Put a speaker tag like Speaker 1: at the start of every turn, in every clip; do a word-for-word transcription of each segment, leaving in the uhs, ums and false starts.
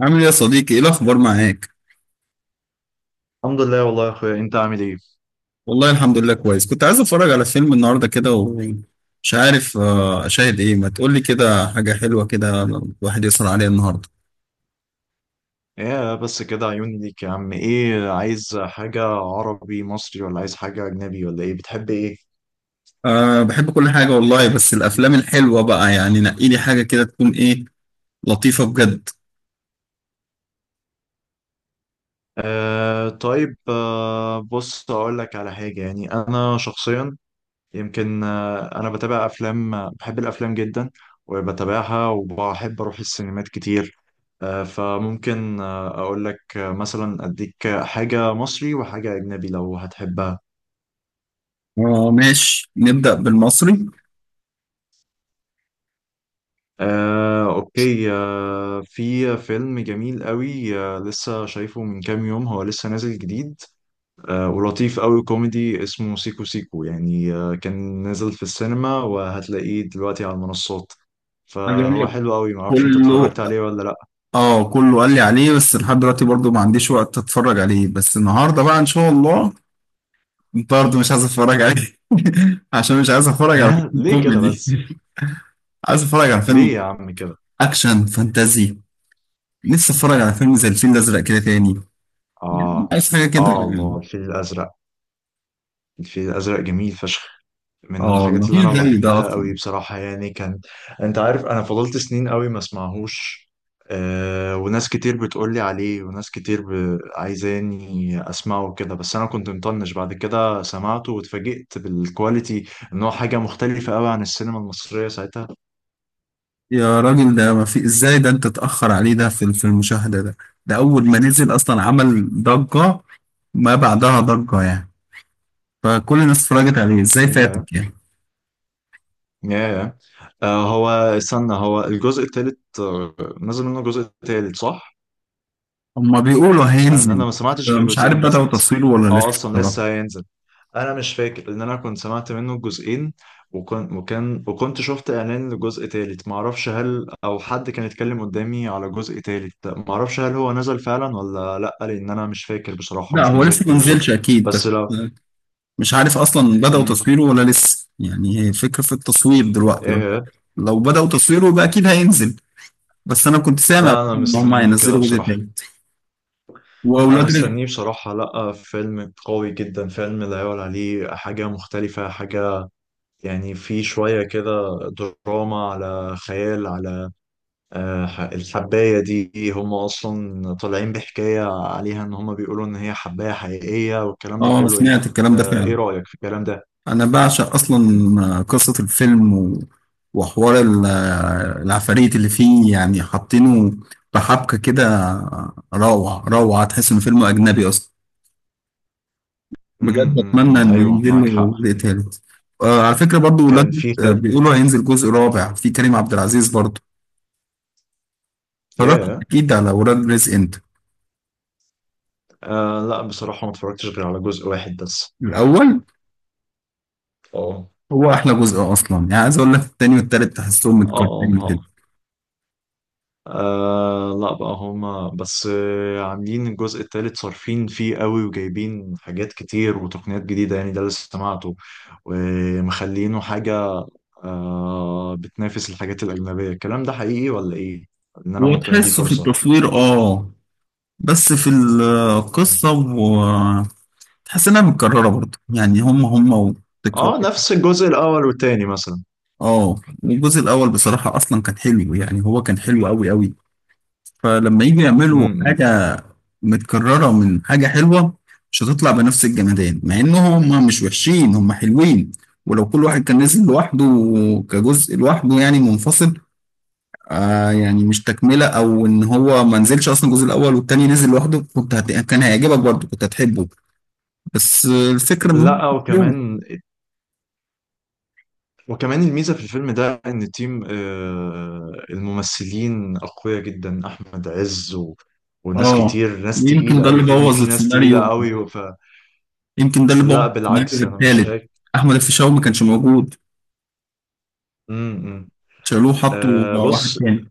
Speaker 1: عامل ايه يا صديقي، ايه الاخبار معاك؟
Speaker 2: الحمد لله والله يا اخويا، انت عامل ايه؟
Speaker 1: والله الحمد لله كويس. كنت عايز اتفرج على فيلم النهارده كده ومش عارف، آه، اشاهد ايه. ما تقولي كده حاجه حلوه كده الواحد يسهر عليها النهارده.
Speaker 2: ايه بس كده، عيوني ليك يا عم. ايه، عايز حاجة عربي مصري ولا عايز حاجة اجنبي، ولا ايه، بتحب ايه؟
Speaker 1: أه بحب كل حاجه والله، بس الافلام الحلوه بقى يعني نقي لي حاجه كده تكون ايه، لطيفه بجد.
Speaker 2: آه طيب آه بص، اقول لك على حاجة. يعني انا شخصيا يمكن آه انا بتابع افلام، آه، بحب الافلام جدا وبتابعها، وبحب اروح السينمات كتير. آه فممكن آه اقول لك، آه، مثلا اديك حاجة مصري وحاجة اجنبي لو هتحبها.
Speaker 1: أه ماشي، نبدا بالمصري.
Speaker 2: آه، أوكي. آه، في فيلم جميل قوي، آه، لسه شايفه من كام يوم، هو لسه نازل جديد، آه، ولطيف قوي، كوميدي، اسمه سيكو سيكو. يعني آه، كان نازل في السينما، وهتلاقيه دلوقتي على المنصات،
Speaker 1: اللي قال
Speaker 2: فهو
Speaker 1: لك
Speaker 2: حلو قوي. معرفش انت اتفرجت
Speaker 1: كله.
Speaker 2: عليه ولا لأ.
Speaker 1: اه كله قال لي عليه، بس لحد دلوقتي برضو ما عنديش وقت اتفرج عليه، بس النهارده بقى ان شاء الله. انت برضه مش عايز اتفرج عليه عشان مش عايز اتفرج على فيلم
Speaker 2: ليه كده
Speaker 1: كوميدي.
Speaker 2: بس؟
Speaker 1: عايز اتفرج على فيلم
Speaker 2: ليه يا عم كده؟
Speaker 1: اكشن فانتازي. لسه اتفرج على فيلم زي الفيل الازرق كده تاني.
Speaker 2: آه
Speaker 1: عايز حاجه كده
Speaker 2: آه الله،
Speaker 1: يعني.
Speaker 2: الفيل الأزرق. الفيل الأزرق جميل فشخ، من
Speaker 1: اه والله
Speaker 2: الحاجات اللي
Speaker 1: مفيش
Speaker 2: انا
Speaker 1: زي ده
Speaker 2: بحبها قوي
Speaker 1: اصلا.
Speaker 2: بصراحة. يعني كان... انت عارف انا فضلت سنين قوي ما اسمعهوش. أه وناس كتير بتقولي عليه، وناس كتير ب... عايزاني اسمعه كده، بس انا كنت مطنش. بعد كده سمعته واتفاجئت بالكواليتي، ان هو حاجة مختلفة قوي عن السينما المصرية ساعتها.
Speaker 1: يا راجل، ده ما في ازاي؟ ده انت اتاخر عليه ده في في المشاهده ده. ده اول ما نزل اصلا عمل ضجه، ما بعدها ضجه يعني. فكل الناس اتفرجت عليه، ازاي
Speaker 2: ياه.
Speaker 1: فاتك يعني؟
Speaker 2: ياه. أه هو استنى، هو الجزء التالت آه، نزل منه جزء تالت، صح؟
Speaker 1: هما بيقولوا
Speaker 2: ان انا
Speaker 1: هينزل.
Speaker 2: ما سمعتش غير
Speaker 1: مش عارف
Speaker 2: جزئين
Speaker 1: بدأوا
Speaker 2: بس.
Speaker 1: تصويره ولا
Speaker 2: اه،
Speaker 1: لسه
Speaker 2: اصلا
Speaker 1: بصراحه.
Speaker 2: لسه هينزل. انا مش فاكر، لان انا كنت سمعت منه جزئين، وكان وكان وكنت شفت اعلان لجزء تالت. ما اعرفش، هل او حد كان يتكلم قدامي على جزء تالت. ما اعرفش هل هو نزل فعلا ولا لا، لان انا مش فاكر بصراحة،
Speaker 1: لا
Speaker 2: مش
Speaker 1: هو لسه ما
Speaker 2: متذكر بالظبط.
Speaker 1: نزلش اكيد بس.
Speaker 2: بس لو...
Speaker 1: مش عارف اصلا بدأوا
Speaker 2: مم.
Speaker 1: تصويره ولا لسه يعني، هي فكرة في التصوير
Speaker 2: ايه.
Speaker 1: دلوقتي. لو
Speaker 2: إيه.
Speaker 1: لو بدأوا تصويره يبقى اكيد هينزل. بس انا كنت سامع
Speaker 2: لا انا
Speaker 1: ان هم
Speaker 2: مستنيه كده
Speaker 1: هينزلوا جزء
Speaker 2: بصراحة.
Speaker 1: تالت،
Speaker 2: انا
Speaker 1: واولاد رزق.
Speaker 2: مستنيه بصراحة. لا، فيلم قوي جدا. فيلم لا يعلى عليه، حاجة مختلفة، حاجة يعني في شوية كده دراما على خيال، على... آه، ح- الحباية دي، هم أصلا طالعين بحكاية عليها، إن هم بيقولوا إن هي حباية حقيقية، والكلام ده
Speaker 1: اه
Speaker 2: كله، أنت...
Speaker 1: سمعت الكلام ده
Speaker 2: آه، إيه
Speaker 1: فعلا.
Speaker 2: رأيك في الكلام ده؟
Speaker 1: انا بعشق اصلا قصة الفيلم و... وحوار ال- العفاريت اللي فيه، يعني حاطينه بحبكة كده، روعة روعة. تحس ان فيلم اجنبي اصلا،
Speaker 2: امم
Speaker 1: بجد
Speaker 2: أمم، أمم،
Speaker 1: اتمنى انه
Speaker 2: أيوه،
Speaker 1: ينزل له
Speaker 2: معاك حق.
Speaker 1: جزء تالت. آه على فكره برضو، ولاد
Speaker 2: كان في
Speaker 1: آه
Speaker 2: خد...
Speaker 1: بيقولوا هينزل جزء رابع في كريم عبد العزيز برضو. اتفرجت
Speaker 2: ياه.
Speaker 1: اكيد على ولاد رزق انت؟
Speaker 2: آه لا بصراحة، ما اتفرجتش غير على جزء واحد بس.
Speaker 1: الاول
Speaker 2: اه
Speaker 1: هو احلى جزء اصلا يعني. عايز اقول لك، التاني والتالت تحسهم
Speaker 2: اه اه
Speaker 1: متكررين كده.
Speaker 2: آه، آه، لا بقى، هما بس آه، عاملين الجزء التالت صارفين فيه قوي، وجايبين حاجات كتير وتقنيات جديدة، يعني ده اللي سمعته، ومخلينه حاجة آه بتنافس الحاجات الأجنبية. الكلام ده حقيقي ولا إيه؟ إن أنا ممكن أديه
Speaker 1: وتحسه في
Speaker 2: فرصة.
Speaker 1: التصوير اه، بس في القصه وتحس انها متكرره برضو، يعني هم هم وتكرار.
Speaker 2: آه نفس الجزء الأول والتاني مثلا.
Speaker 1: اه الجزء الاول بصراحه اصلا كان حلو، يعني هو كان حلو قوي قوي. فلما يجي يعملوا
Speaker 2: امم إمم.
Speaker 1: حاجه متكررة من حاجة حلوة مش هتطلع بنفس الجمدان، مع إن هم مش وحشين، هم حلوين. ولو كل واحد كان نزل لوحده كجزء لوحده يعني منفصل، آه يعني مش تكملة، أو إن هو ما نزلش أصلا الجزء الأول والتاني نزل لوحده، كنت هت... كان هيعجبك برضه، كنت هتحبه. بس آه، الفكرة إن هم
Speaker 2: لا،
Speaker 1: حلو.
Speaker 2: وكمان وكمان الميزة في الفيلم ده، إن تيم آه الممثلين أقوياء جدا، أحمد عز و... وناس
Speaker 1: آه
Speaker 2: كتير، ناس
Speaker 1: يمكن
Speaker 2: تقيلة
Speaker 1: ده
Speaker 2: أوي.
Speaker 1: اللي
Speaker 2: الفيلم
Speaker 1: بوظ
Speaker 2: فيه ناس تقيلة
Speaker 1: السيناريو،
Speaker 2: أوي، ف...
Speaker 1: يمكن ده اللي بوظ
Speaker 2: لا بالعكس،
Speaker 1: السيناريو
Speaker 2: أنا مش
Speaker 1: التالت.
Speaker 2: شايف.
Speaker 1: أحمد الفيشاوي ما كانش موجود،
Speaker 2: امم إمم.
Speaker 1: شالوه
Speaker 2: آه
Speaker 1: حطوا واحد
Speaker 2: بص.
Speaker 1: تاني،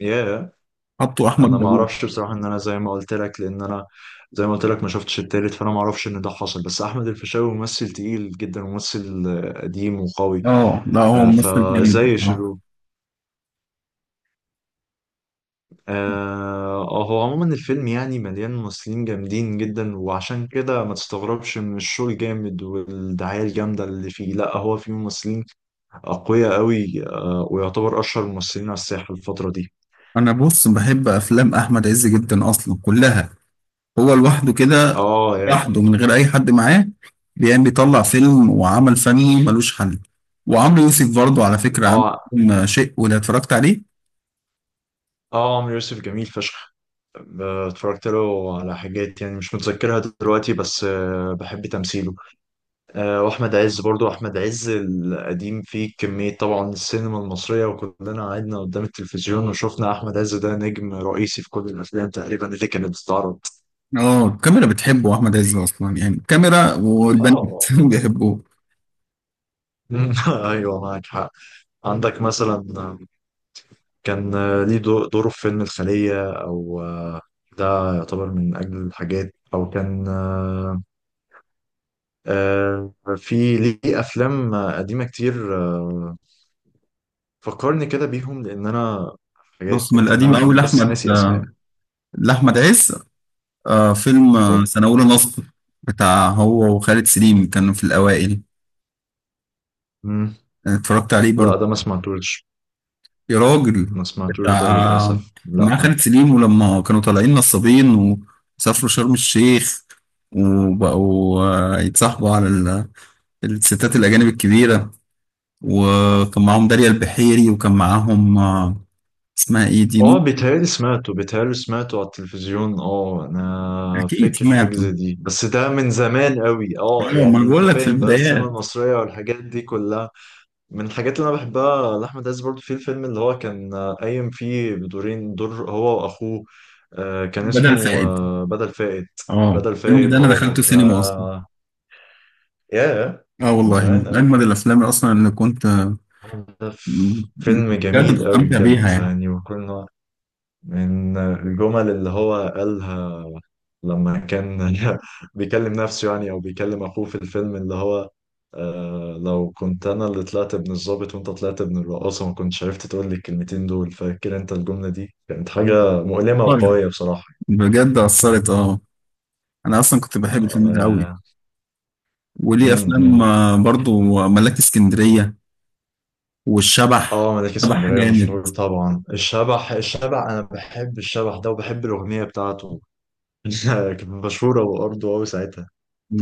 Speaker 2: ياه.
Speaker 1: حطوا أحمد
Speaker 2: انا ما
Speaker 1: داوود.
Speaker 2: اعرفش بصراحه، ان انا زي ما قلت لك، لان انا زي ما قلت لك ما شفتش التالت، فانا ما اعرفش ان ده حصل. بس احمد الفيشاوي ممثل تقيل جدا، وممثل آه، قديم وقوي.
Speaker 1: اه لا هو
Speaker 2: آه،
Speaker 1: ممثل جميل
Speaker 2: فازاي يا
Speaker 1: آه.
Speaker 2: شيرو. آه هو عموما الفيلم يعني مليان ممثلين جامدين جدا، وعشان كده ما تستغربش من الشغل الجامد والدعاية الجامدة اللي فيه. لا، هو فيه ممثلين أقوياء قوي، آه ويعتبر أشهر الممثلين على الساحة الفترة دي.
Speaker 1: انا بص، بحب افلام احمد عز جدا اصلا كلها. هو لوحده كده،
Speaker 2: اه يا
Speaker 1: لوحده من غير اي حد معاه، بيقام بيطلع فيلم وعمل فني ملوش حل. وعمرو يوسف برضه على فكره، عامل
Speaker 2: اه
Speaker 1: فيلم شيء، ولا اتفرجت عليه؟
Speaker 2: اه عمرو يوسف جميل فشخ. اتفرجت له على حاجات يعني مش متذكرها دلوقتي، بس آه، بحب تمثيله. آه، واحمد عز برضو، احمد عز القديم فيه كمية. طبعا السينما المصرية، وكلنا قعدنا قدام التلفزيون وشفنا احمد عز، ده نجم رئيسي في كل الافلام تقريبا اللي كانت بتتعرض.
Speaker 1: اه الكاميرا بتحبه احمد عز اصلا، يعني الكاميرا والبنات
Speaker 2: آه.
Speaker 1: بيحبوه.
Speaker 2: ايوه، معاك حق. عندك مثلا كان آه، ليه دو- دوره في فيلم الخلية، او آه، ده يعتبر من اجل الحاجات، او كان آه، آه، في ليه افلام آه، قديمه كتير، آه، فكرني كده بيهم لان انا...
Speaker 1: بص، من
Speaker 2: حاجات، لان
Speaker 1: القديم قوي
Speaker 2: انا بس
Speaker 1: لاحمد
Speaker 2: ناسي اسماء.
Speaker 1: آه، لاحمد عز آه، فيلم آه،
Speaker 2: اه.
Speaker 1: سنه اولى نصب، بتاع هو وخالد سليم، كانوا في الاوائل.
Speaker 2: مم.
Speaker 1: اتفرجت عليه
Speaker 2: لا
Speaker 1: برضه،
Speaker 2: ده ما سمعتوش.
Speaker 1: يا راجل.
Speaker 2: ما سمعتوش ده
Speaker 1: بتاع
Speaker 2: للاسف،
Speaker 1: مع
Speaker 2: لا.
Speaker 1: خالد سليم، ولما كانوا طالعين نصابين وسافروا شرم الشيخ وبقوا آه، يتصاحبوا على ال- الستات الأجانب الكبيرة، وكان معاهم داليا البحيري وكان معاهم آه، اسمها ايه دي،
Speaker 2: اه،
Speaker 1: نور.
Speaker 2: بيتهيألي سمعته، بيتهيألي سمعته على التلفزيون. اه انا
Speaker 1: أكيد
Speaker 2: فاكر حاجه
Speaker 1: سمعته.
Speaker 2: زي دي، بس ده من زمان قوي. اه
Speaker 1: اه ما
Speaker 2: يعني
Speaker 1: أنا
Speaker 2: انت
Speaker 1: بقول لك، في
Speaker 2: فاهم بقى السينما
Speaker 1: البدايات.
Speaker 2: المصريه والحاجات دي كلها. من الحاجات اللي انا بحبها لاحمد عز برضو، في الفيلم اللي هو كان آه، قايم فيه بدورين، دور هو واخوه، آه، كان
Speaker 1: بدل
Speaker 2: اسمه
Speaker 1: فائد،
Speaker 2: آه، بدل فائد.
Speaker 1: اه
Speaker 2: بدل
Speaker 1: الفيلم
Speaker 2: فائد،
Speaker 1: ده أنا
Speaker 2: اه،
Speaker 1: دخلته
Speaker 2: ده...
Speaker 1: سينما أصلا.
Speaker 2: ياه،
Speaker 1: اه
Speaker 2: من
Speaker 1: والله
Speaker 2: زمان
Speaker 1: من
Speaker 2: قوي.
Speaker 1: أجمد الأفلام أصلا اللي كنت آه،
Speaker 2: ده ف- فيلم
Speaker 1: بجد
Speaker 2: جميل قوي
Speaker 1: بستمتع
Speaker 2: بجد.
Speaker 1: بيها يعني.
Speaker 2: يعني وكنا... من الجمل اللي هو قالها لما كان بيكلم نفسه، يعني او بيكلم اخوه في الفيلم، اللي هو آه لو كنت انا اللي طلعت ابن الضابط، وانت طلعت ابن الرقاصه، ما كنتش عرفت تقول لي الكلمتين دول. فاكر انت الجمله دي؟ كانت حاجه مؤلمه
Speaker 1: طيب،
Speaker 2: وقويه بصراحه.
Speaker 1: بجد أثرت. اه انا اصلا كنت بحب الفيلم ده قوي.
Speaker 2: اه.
Speaker 1: وليه
Speaker 2: امم
Speaker 1: افلام
Speaker 2: أمم.
Speaker 1: آه، برضو، ملاك اسكندريه والشبح.
Speaker 2: اه ملاك
Speaker 1: شبح اه
Speaker 2: اسكندريه
Speaker 1: جامد،
Speaker 2: مشهور طبعا. الشبح، الشبح، انا بحب الشبح ده، وبحب الاغنيه بتاعته. كانت مشهوره وارضه قوي ساعتها.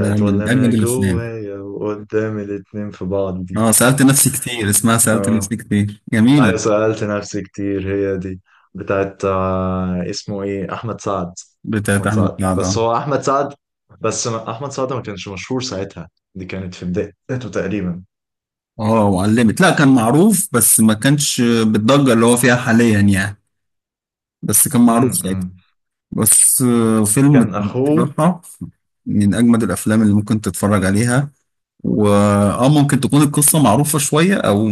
Speaker 1: ده
Speaker 2: "ولا
Speaker 1: من
Speaker 2: انا
Speaker 1: اجمد الافلام.
Speaker 2: جوايا وقدام الاتنين في بعض" دي.
Speaker 1: اه سالت نفسي كتير، اسمها سالت
Speaker 2: اه
Speaker 1: نفسي كتير،
Speaker 2: ايوه،
Speaker 1: جميله،
Speaker 2: سألت نفسي كتير، هي دي، بتاعت آه، اسمه ايه، احمد سعد.
Speaker 1: بتاعت
Speaker 2: احمد
Speaker 1: احمد
Speaker 2: سعد،
Speaker 1: سعد
Speaker 2: بس
Speaker 1: اه.
Speaker 2: هو احمد سعد، بس ما- احمد سعد ما كانش مشهور ساعتها، دي كانت في بدايته تقريبا.
Speaker 1: آه، وعلمت، لا كان معروف بس ما كانش بالضجه اللي هو فيها حاليا يعني، بس كان معروف ساعتها.
Speaker 2: امم.
Speaker 1: بس آه، فيلم
Speaker 2: كان اخوه...
Speaker 1: بصراحه من اجمد الافلام اللي ممكن تتفرج عليها. واه ممكن تكون القصة معروفة شوية او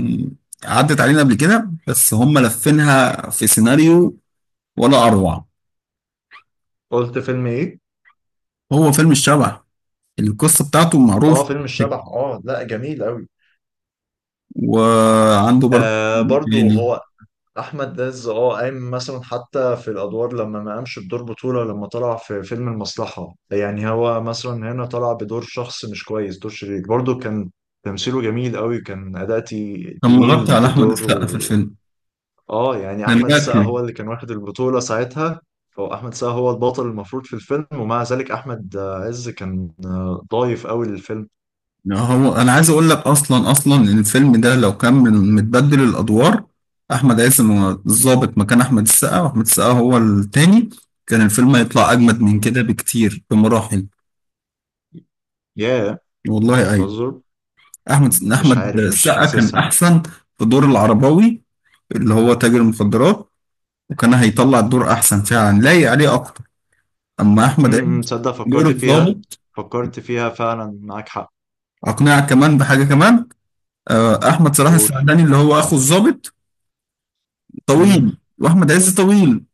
Speaker 1: عدت علينا قبل كده، بس هم لفينها في سيناريو ولا اروع.
Speaker 2: قلت فيلم ايه؟
Speaker 1: هو فيلم الشبح، القصة بتاعته
Speaker 2: اه،
Speaker 1: معروف.
Speaker 2: فيلم الشبح. اه، لا جميل قوي.
Speaker 1: وعنده برضه
Speaker 2: آه برضو
Speaker 1: يعني،
Speaker 2: هو احمد داز، اه، قايم مثلا حتى في الادوار، لما ما قامش بدور بطوله، لما طلع في فيلم المصلحه. يعني هو مثلا هنا طلع بدور شخص مش كويس، دور شرير، برضه كان تمثيله جميل قوي. كان اداء تي-
Speaker 1: كان
Speaker 2: تقيل
Speaker 1: مغطي على احمد
Speaker 2: بدور،
Speaker 1: السقا في
Speaker 2: و...
Speaker 1: الفيلم،
Speaker 2: اه يعني
Speaker 1: كان
Speaker 2: احمد السقا
Speaker 1: باكله.
Speaker 2: هو اللي كان واخد البطوله ساعتها، فهو احمد السقا هو البطل المفروض في الفيلم، ومع ذلك احمد عز كان آه، ضايف قوي للفيلم.
Speaker 1: هو انا عايز اقول لك، اصلا اصلا ان الفيلم ده لو كان من- متبدل الادوار، احمد عز م- الضابط مكان احمد السقا، واحمد السقا هو التاني، كان الفيلم هيطلع اجمد من
Speaker 2: مم.
Speaker 1: كده بكتير بمراحل.
Speaker 2: ياه. yeah.
Speaker 1: والله أيوه.
Speaker 2: تهزر.
Speaker 1: احمد
Speaker 2: مش
Speaker 1: احمد
Speaker 2: عارف، مش
Speaker 1: السقا كان
Speaker 2: حاسسها.
Speaker 1: احسن في دور العرباوي اللي هو تاجر المخدرات، وكان هيطلع الدور احسن فعلا، لايق عليه اكتر. اما احمد
Speaker 2: امم
Speaker 1: عيد،
Speaker 2: تصدق،
Speaker 1: دور
Speaker 2: فكرت فيها.
Speaker 1: الضابط.
Speaker 2: فكرت فيها فعلا، معاك حق.
Speaker 1: اقنعك كمان بحاجه كمان، آه، احمد صلاح
Speaker 2: قول.
Speaker 1: السعداني اللي هو اخو الضابط
Speaker 2: امم،
Speaker 1: طويل، واحمد عز طويل،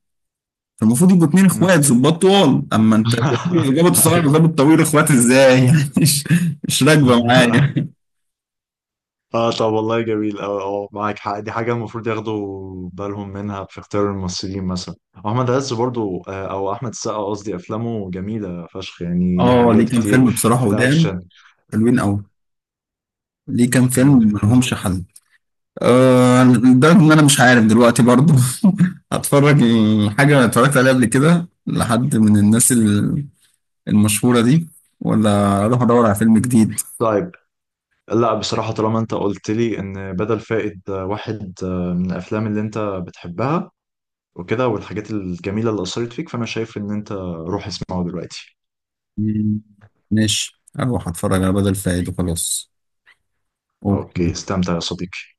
Speaker 1: فالمفروض يبقوا اتنين
Speaker 2: امم.
Speaker 1: اخوات ظباط طوال. اما انت ظابط صلاح
Speaker 2: أيوة.
Speaker 1: وظابط طويل، اخوات ازاي؟ يعني مش مش راكبه معايا.
Speaker 2: اه، طب والله جميل. اه اه معاك حق. دي حاجة المفروض ياخدوا بالهم منها في اختيار الممثلين مثلا. احمد عز برضو، آه، او احمد السقا قصدي، افلامه جميلة فشخ. يعني ليه
Speaker 1: اه ليه
Speaker 2: حاجات
Speaker 1: كام
Speaker 2: كتير
Speaker 1: فيلم بصراحه
Speaker 2: في
Speaker 1: قدام،
Speaker 2: الاكشن.
Speaker 1: حلوين قوي. ليه كام فيلم
Speaker 2: مم، مم.
Speaker 1: ملهمش حل. أه لدرجة إن أنا مش عارف دلوقتي برضو هتفرج حاجة أنا اتفرجت عليها قبل كده لحد من الناس ال- المشهورة دي، ولا أروح أدور على فيلم جديد.
Speaker 2: طيب. لا بصراحة، طالما انت قلت لي ان بدل فائد آه، واحد آه، من الافلام اللي انت بتحبها وكده، والحاجات الجميلة اللي أثرت فيك، فأنا شايف إن أنت روح اسمعه دلوقتي.
Speaker 1: مم، ماشي أروح أتفرج على بدل فايد وخلاص.
Speaker 2: أوكي،
Speaker 1: أوكي.
Speaker 2: استمتع يا صديقي.